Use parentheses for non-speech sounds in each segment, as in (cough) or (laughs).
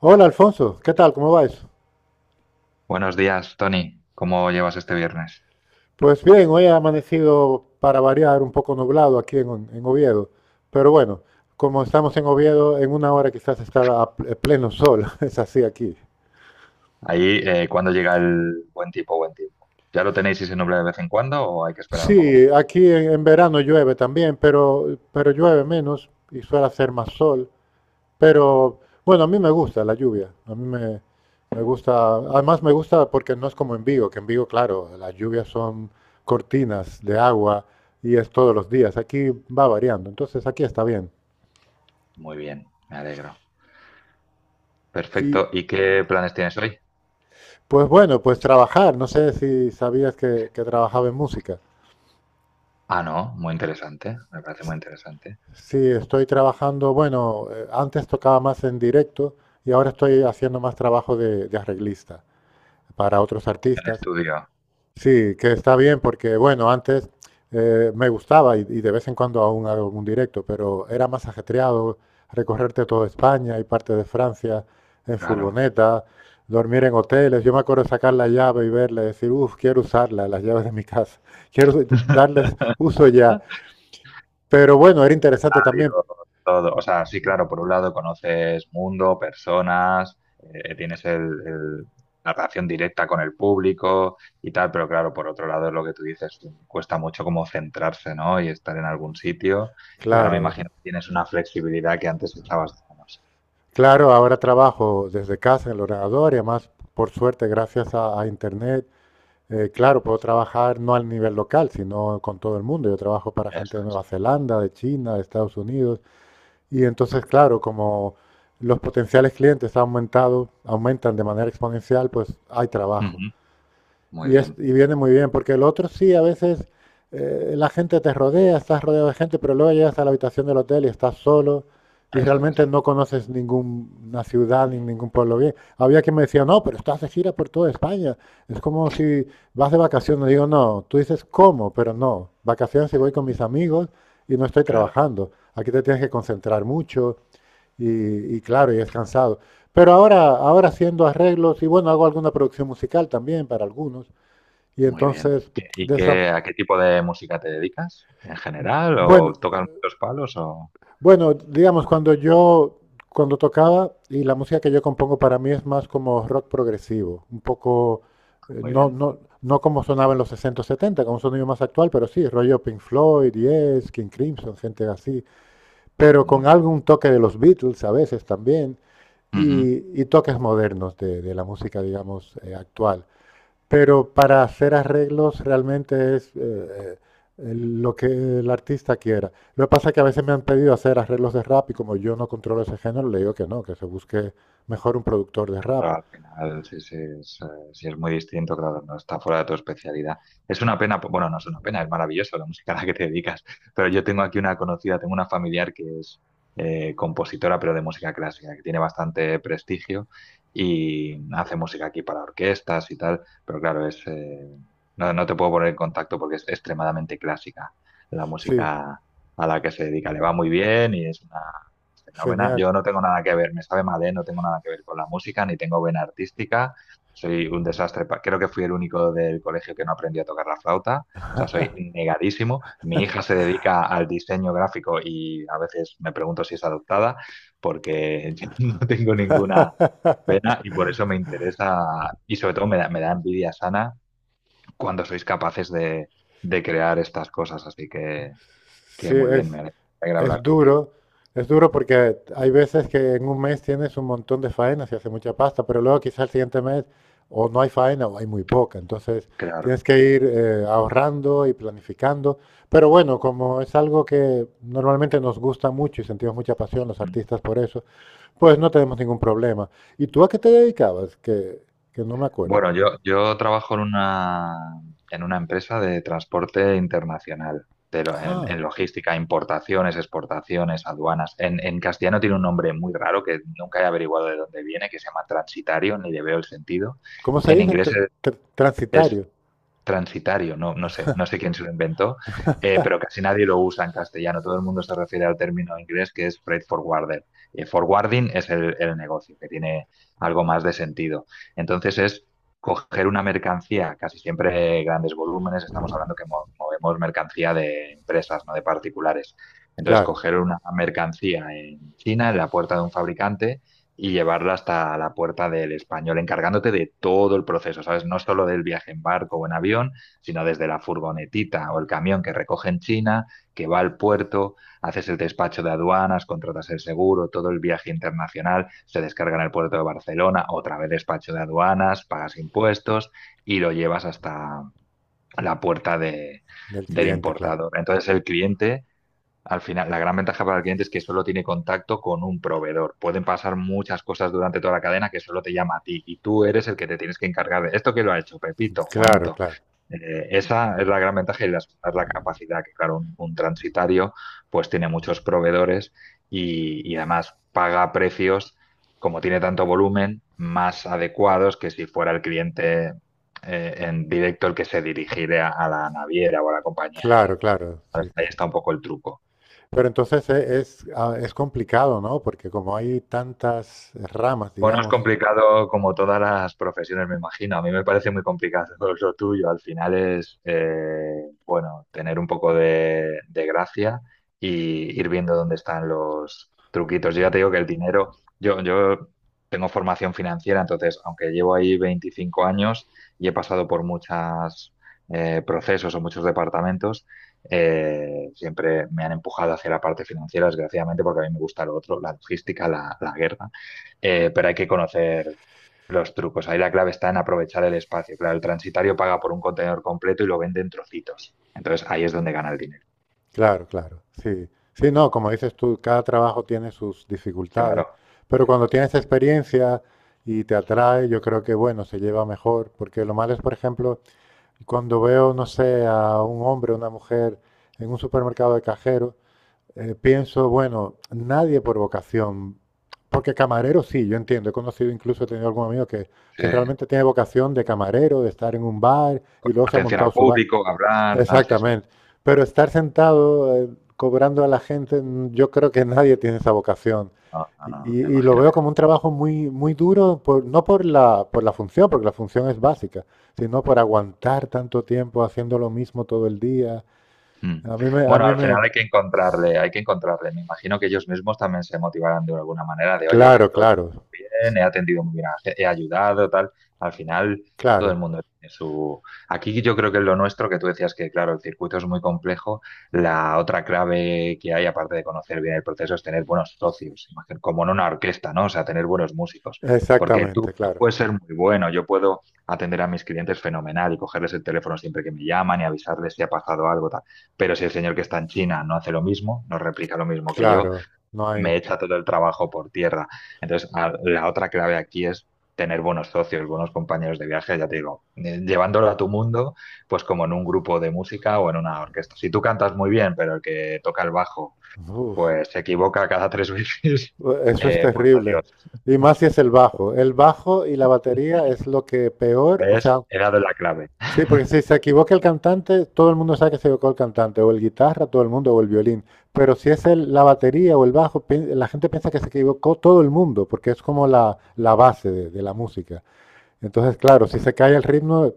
Hola Alfonso, ¿qué tal? ¿Cómo va eso? Buenos días, Tony. ¿Cómo llevas este viernes? Pues bien, hoy ha amanecido para variar un poco nublado aquí en Oviedo, pero bueno, como estamos en Oviedo, en una hora quizás estará a pleno sol, (laughs) es así aquí. Ahí, ¿cuándo llega el buen tiempo? ¿Ya lo tenéis y se nubla de vez en cuando o hay que esperar un poco Sí, más? aquí en verano llueve también, pero llueve menos y suele hacer más sol. Pero bueno, a mí me gusta la lluvia. Me gusta. Además, me gusta porque no es como en Vigo, que en Vigo, claro, las lluvias son cortinas de agua y es todos los días. Aquí va variando. Entonces, aquí está bien. Muy bien, me alegro. Y Perfecto. ¿Y qué planes tienes hoy? pues bueno, pues trabajar. No sé si sabías que trabajaba en música. Ah, no, muy interesante. Me parece muy interesante. Sí, estoy trabajando. Bueno, antes tocaba más en directo y ahora estoy haciendo más trabajo de arreglista para otros El artistas. estudio, Sí, que está bien porque, bueno, antes me gustaba y de vez en cuando aún hago algún directo, pero era más ajetreado recorrerte toda España y parte de Francia en claro. furgoneta, dormir en hoteles. Yo me acuerdo sacar la llave y verla y decir, uff, quiero usarla, las llaves de mi casa, (laughs) darles (laughs) uso ya. Pero bueno, era interesante también, Todo. O sea, sí, claro, por un lado conoces mundo, personas, tienes la relación directa con el público y tal, pero claro, por otro lado es lo que tú dices, cuesta mucho como centrarse, ¿no? Y estar en algún sitio. Y ahora me claro, imagino que tienes una flexibilidad que antes echabas de menos. claro, ahora trabajo desde casa en el ordenador y además, por suerte, gracias a Internet. Claro, puedo trabajar no al nivel local, sino con todo el mundo. Yo trabajo para gente Eso de es. Nueva Zelanda, de China, de Estados Unidos. Y entonces, claro, como los potenciales clientes han aumentado, aumentan de manera exponencial, pues hay trabajo. Ujú. Muy bien, Y viene muy bien, porque el otro sí, a veces la gente te rodea, estás rodeado de gente, pero luego llegas a la habitación del hotel y estás solo y eso realmente es, no conoces ninguna ciudad ni ningún pueblo bien. Había quien me decía, no, pero estás de gira por toda España. Es como si vas de vacaciones. Digo, no, tú dices, ¿cómo? Pero no, vacaciones y voy con mis amigos y no estoy claro. trabajando. Aquí te tienes que concentrar mucho y claro, y es cansado. Pero ahora, ahora haciendo arreglos y bueno, hago alguna producción musical también para algunos. Y Muy bien. entonces, ¿Y qué, de esa, a qué tipo de música te dedicas en general? ¿O bueno, tocas muchos palos? O... bueno, digamos, cuando tocaba, y la música que yo compongo para mí es más como rock progresivo, un poco, Muy bien, no como sonaba en los 60 o 70, como un sonido más actual, pero sí, rollo Pink Floyd, Yes, King Crimson, gente así, pero muy con bien. algún toque de los Beatles a veces también, Ujú. y toques modernos de la música, digamos, actual. Pero para hacer arreglos realmente es eh, lo que el artista quiera. Lo que pasa es que a veces me han pedido hacer arreglos de rap y como yo no controlo ese género, le digo que no, que se busque mejor un productor de rap. Pero al final, sí, sí es muy distinto, claro, no está fuera de tu especialidad. Es una pena, bueno, no es una pena, es maravilloso la música a la que te dedicas, pero yo tengo aquí una conocida, tengo una familiar que es compositora, pero de música clásica, que tiene bastante prestigio y hace música aquí para orquestas y tal, pero claro, es, no, no te puedo poner en contacto porque es extremadamente clásica la Sí, música a la que se dedica, le va muy bien y es una fenómena. genial. Yo no tengo nada que ver, me sabe mal, ¿eh? No tengo nada que ver con la música, ni tengo vena artística. Soy un desastre. Creo que fui el único del colegio que no aprendió a tocar la flauta. O sea, soy negadísimo. Mi hija se dedica al diseño gráfico y a veces me pregunto si es adoptada, porque (laughs) yo no tengo ninguna pena (laughs) y por eso me interesa y sobre todo me da envidia sana cuando sois capaces de crear estas cosas. Así que Sí, muy bien, es, me alegra Es hablar contigo. duro, es duro porque hay veces que en un mes tienes un montón de faenas y hace mucha pasta, pero luego quizás el siguiente mes o no hay faena o hay muy poca. Entonces Claro. tienes que ir ahorrando y planificando. Pero bueno, como es algo que normalmente nos gusta mucho y sentimos mucha pasión los artistas por eso, pues no tenemos ningún problema. ¿Y tú a qué te dedicabas? Que no me acuerdo. Bueno, yo trabajo en una empresa de transporte internacional, pero Ah, en logística, importaciones, exportaciones, aduanas. En castellano tiene un nombre muy raro que nunca he averiguado de dónde viene, que se llama transitario, ni le veo el sentido. ¿cómo se En dice? inglés es, Transitario. transitario, no, no sé, no sé quién se lo inventó, pero casi nadie lo usa en castellano. Todo el mundo se refiere al término inglés que es freight forwarder. Forwarding es el negocio, que tiene algo más de sentido. Entonces es coger una mercancía, casi siempre grandes volúmenes, estamos hablando que movemos mercancía de empresas, no de particulares. Entonces, Claro, coger una mercancía en China, en la puerta de un fabricante, y llevarla hasta la puerta del español, encargándote de todo el proceso, ¿sabes? No solo del viaje en barco o en avión, sino desde la furgonetita o el camión que recoge en China, que va al puerto, haces el despacho de aduanas, contratas el seguro, todo el viaje internacional, se descarga en el puerto de Barcelona, otra vez despacho de aduanas, pagas impuestos y lo llevas hasta la puerta de, del del cliente, claro. importador. Entonces el cliente al final, la gran ventaja para el cliente es que solo tiene contacto con un proveedor. Pueden pasar muchas cosas durante toda la cadena que solo te llama a ti y tú eres el que te tienes que encargar de esto que lo ha hecho Pepito, Claro, Juanito. claro. Esa es la gran ventaja y la segunda es la capacidad, que claro, un transitario pues tiene muchos proveedores y además paga precios, como tiene tanto volumen, más adecuados que si fuera el cliente en directo el que se dirigiera a la naviera o a la compañía aérea. Claro, claro, sí, Ahí sí. está un poco el truco. Pero entonces es, ah, es complicado, ¿no? Porque como hay tantas ramas, Bueno, es digamos. complicado como todas las profesiones, me imagino. A mí me parece muy complicado (laughs) lo tuyo. Al final es, bueno, tener un poco de gracia y ir viendo dónde están los truquitos. Yo ya te digo que el dinero, yo tengo formación financiera, entonces, aunque llevo ahí 25 años y he pasado por muchos procesos o muchos departamentos, siempre me han empujado hacia la parte financiera, desgraciadamente, porque a mí me gusta lo otro, la logística, la guerra pero hay que conocer los trucos. Ahí la clave está en aprovechar el espacio. Claro, el transitario paga por un contenedor completo y lo vende en trocitos. Entonces ahí es donde gana el dinero. Claro, claro, sí. Sí, no, como dices tú, cada trabajo tiene sus dificultades, Claro, pero cuando tienes experiencia y te atrae, yo creo que, bueno, se lleva mejor, porque lo malo es, por ejemplo, cuando veo, no sé, a un hombre o una mujer en un supermercado de cajero, pienso, bueno, nadie por vocación, porque camarero sí, yo entiendo, he conocido incluso, he tenido algún amigo sí. que realmente tiene vocación de camarero, de estar en un bar Con y luego se ha atención montado al su bar. público, hablar, tal, sí, sí. Exactamente. Pero estar sentado cobrando a la gente, mm, yo creo que nadie tiene esa vocación. No, no, Y, no, me y lo imagino. veo como un trabajo muy, muy duro, no por la, por la función, porque la función es básica, sino por aguantar tanto tiempo haciendo lo mismo todo el día. Mm. A mí me, a Bueno, mí al me, final hay que encontrarle, hay que encontrarle. Me imagino que ellos mismos también se motivarán de alguna manera de, oye, claro, lo he hecho claro. bien, he atendido muy bien, a he ayudado, tal. Al final, todo el Claro, mundo tiene su... Aquí yo creo que es lo nuestro, que tú decías que, claro, el circuito es muy complejo. La otra clave que hay, aparte de conocer bien el proceso, es tener buenos socios, imagino, como en una orquesta, ¿no? O sea, tener buenos músicos. Porque tú, exactamente, tú claro, puedes ser muy bueno, yo puedo atender a mis clientes fenomenal y cogerles el teléfono siempre que me llaman y avisarles si ha pasado algo, pero si el señor que está en China no hace lo mismo, no replica lo mismo que yo, claro, no me hay, echa todo el trabajo por tierra. Entonces, la otra clave aquí es tener buenos socios, buenos compañeros de viaje, ya te digo, llevándolo a tu mundo, pues como en un grupo de música o en una orquesta. Si tú cantas muy bien, pero el que toca el bajo, uf, pues se equivoca cada tres (laughs) veces, eso es pues terrible. adiós. Y más si es el bajo. El bajo y la batería es lo que peor, o ¿Ves? sea, He dado la clave. sí, porque si se equivoca el cantante, todo el mundo sabe que se equivocó el cantante, o el guitarra, todo el mundo, o el violín. Pero si es la batería o el bajo, la gente piensa que se equivocó todo el mundo, porque es como la base de la música. Entonces, claro, si se cae el ritmo,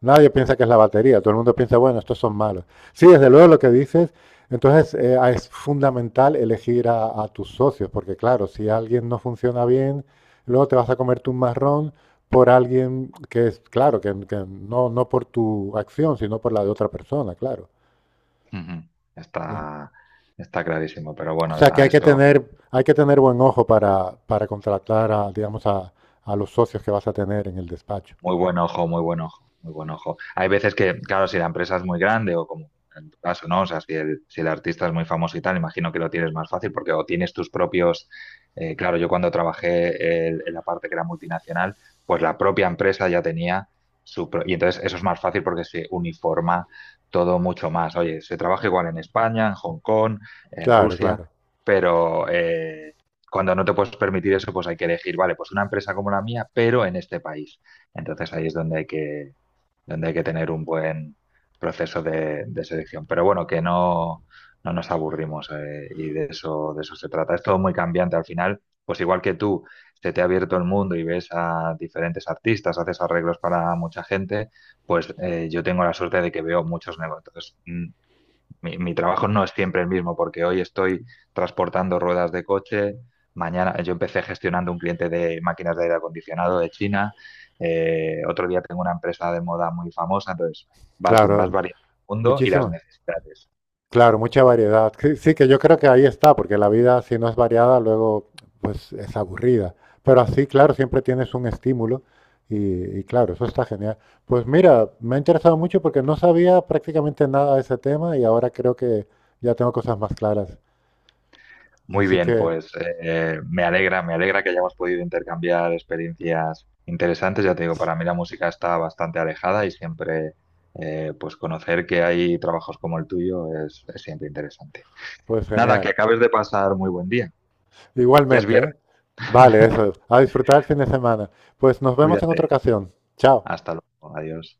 nadie piensa que es la batería, todo el mundo piensa, bueno, estos son malos. Sí, desde luego lo que dices, entonces es fundamental elegir tus socios, porque claro, si alguien no funciona bien, luego te vas a comerte un marrón por alguien que es, claro, que no, no por tu acción, sino por la de otra persona, claro. Ujú. Sí. Está, está clarísimo, pero O bueno, sea que a eso. Hay que tener buen ojo para contratar a, digamos, a los socios que vas a tener en el despacho. Muy buen ojo, muy buen ojo, muy buen ojo. Hay veces que, claro, si la empresa es muy grande o como en tu caso, ¿no? O sea, si el, si el artista es muy famoso y tal, imagino que lo tienes más fácil porque o tienes tus propios... claro, yo cuando trabajé en la parte que era multinacional, pues la propia empresa ya tenía su... Y entonces eso es más fácil porque se uniforma todo mucho más. Oye, se trabaja igual en España, en Hong Kong, en Claro, Rusia, claro, pero... cuando no te puedes permitir eso, pues hay que elegir, vale, pues una empresa como la mía, pero en este país. Entonces ahí es donde hay que tener un buen proceso de selección. Pero bueno, que no, no nos aburrimos y de eso se trata. Es todo muy cambiante al final, pues igual que tú, se te ha abierto el mundo y ves a diferentes artistas, haces arreglos para mucha gente, pues yo tengo la suerte de que veo muchos negocios. Entonces, mi, mi trabajo no es siempre el mismo, porque hoy estoy transportando ruedas de coche, mañana yo empecé gestionando un cliente de máquinas de aire acondicionado de China, otro día tengo una empresa de moda muy famosa, entonces vas, vas claro. variando el mundo y las Muchísimas. necesidades. Claro, mucha variedad. Sí, sí, que yo creo que ahí está, porque la vida si no es variada, luego pues es aburrida. Pero así, claro, siempre tienes un estímulo y claro, eso está genial. Pues mira, me ha interesado mucho porque no sabía prácticamente nada de ese tema y ahora creo que ya tengo cosas más claras. Muy Así bien, que, pues me alegra que hayamos podido intercambiar experiencias interesantes. Ya te digo, para mí la música está bastante alejada y siempre, pues conocer que hay trabajos como el tuyo es siempre interesante. pues Nada, que genial. acabes de pasar muy buen día. Ya es Igualmente, ¿eh? viernes. Vale, (laughs) eso. A disfrutar el fin de semana. Pues nos vemos en otra Cuídate. ocasión. Chao. Hasta luego. Adiós.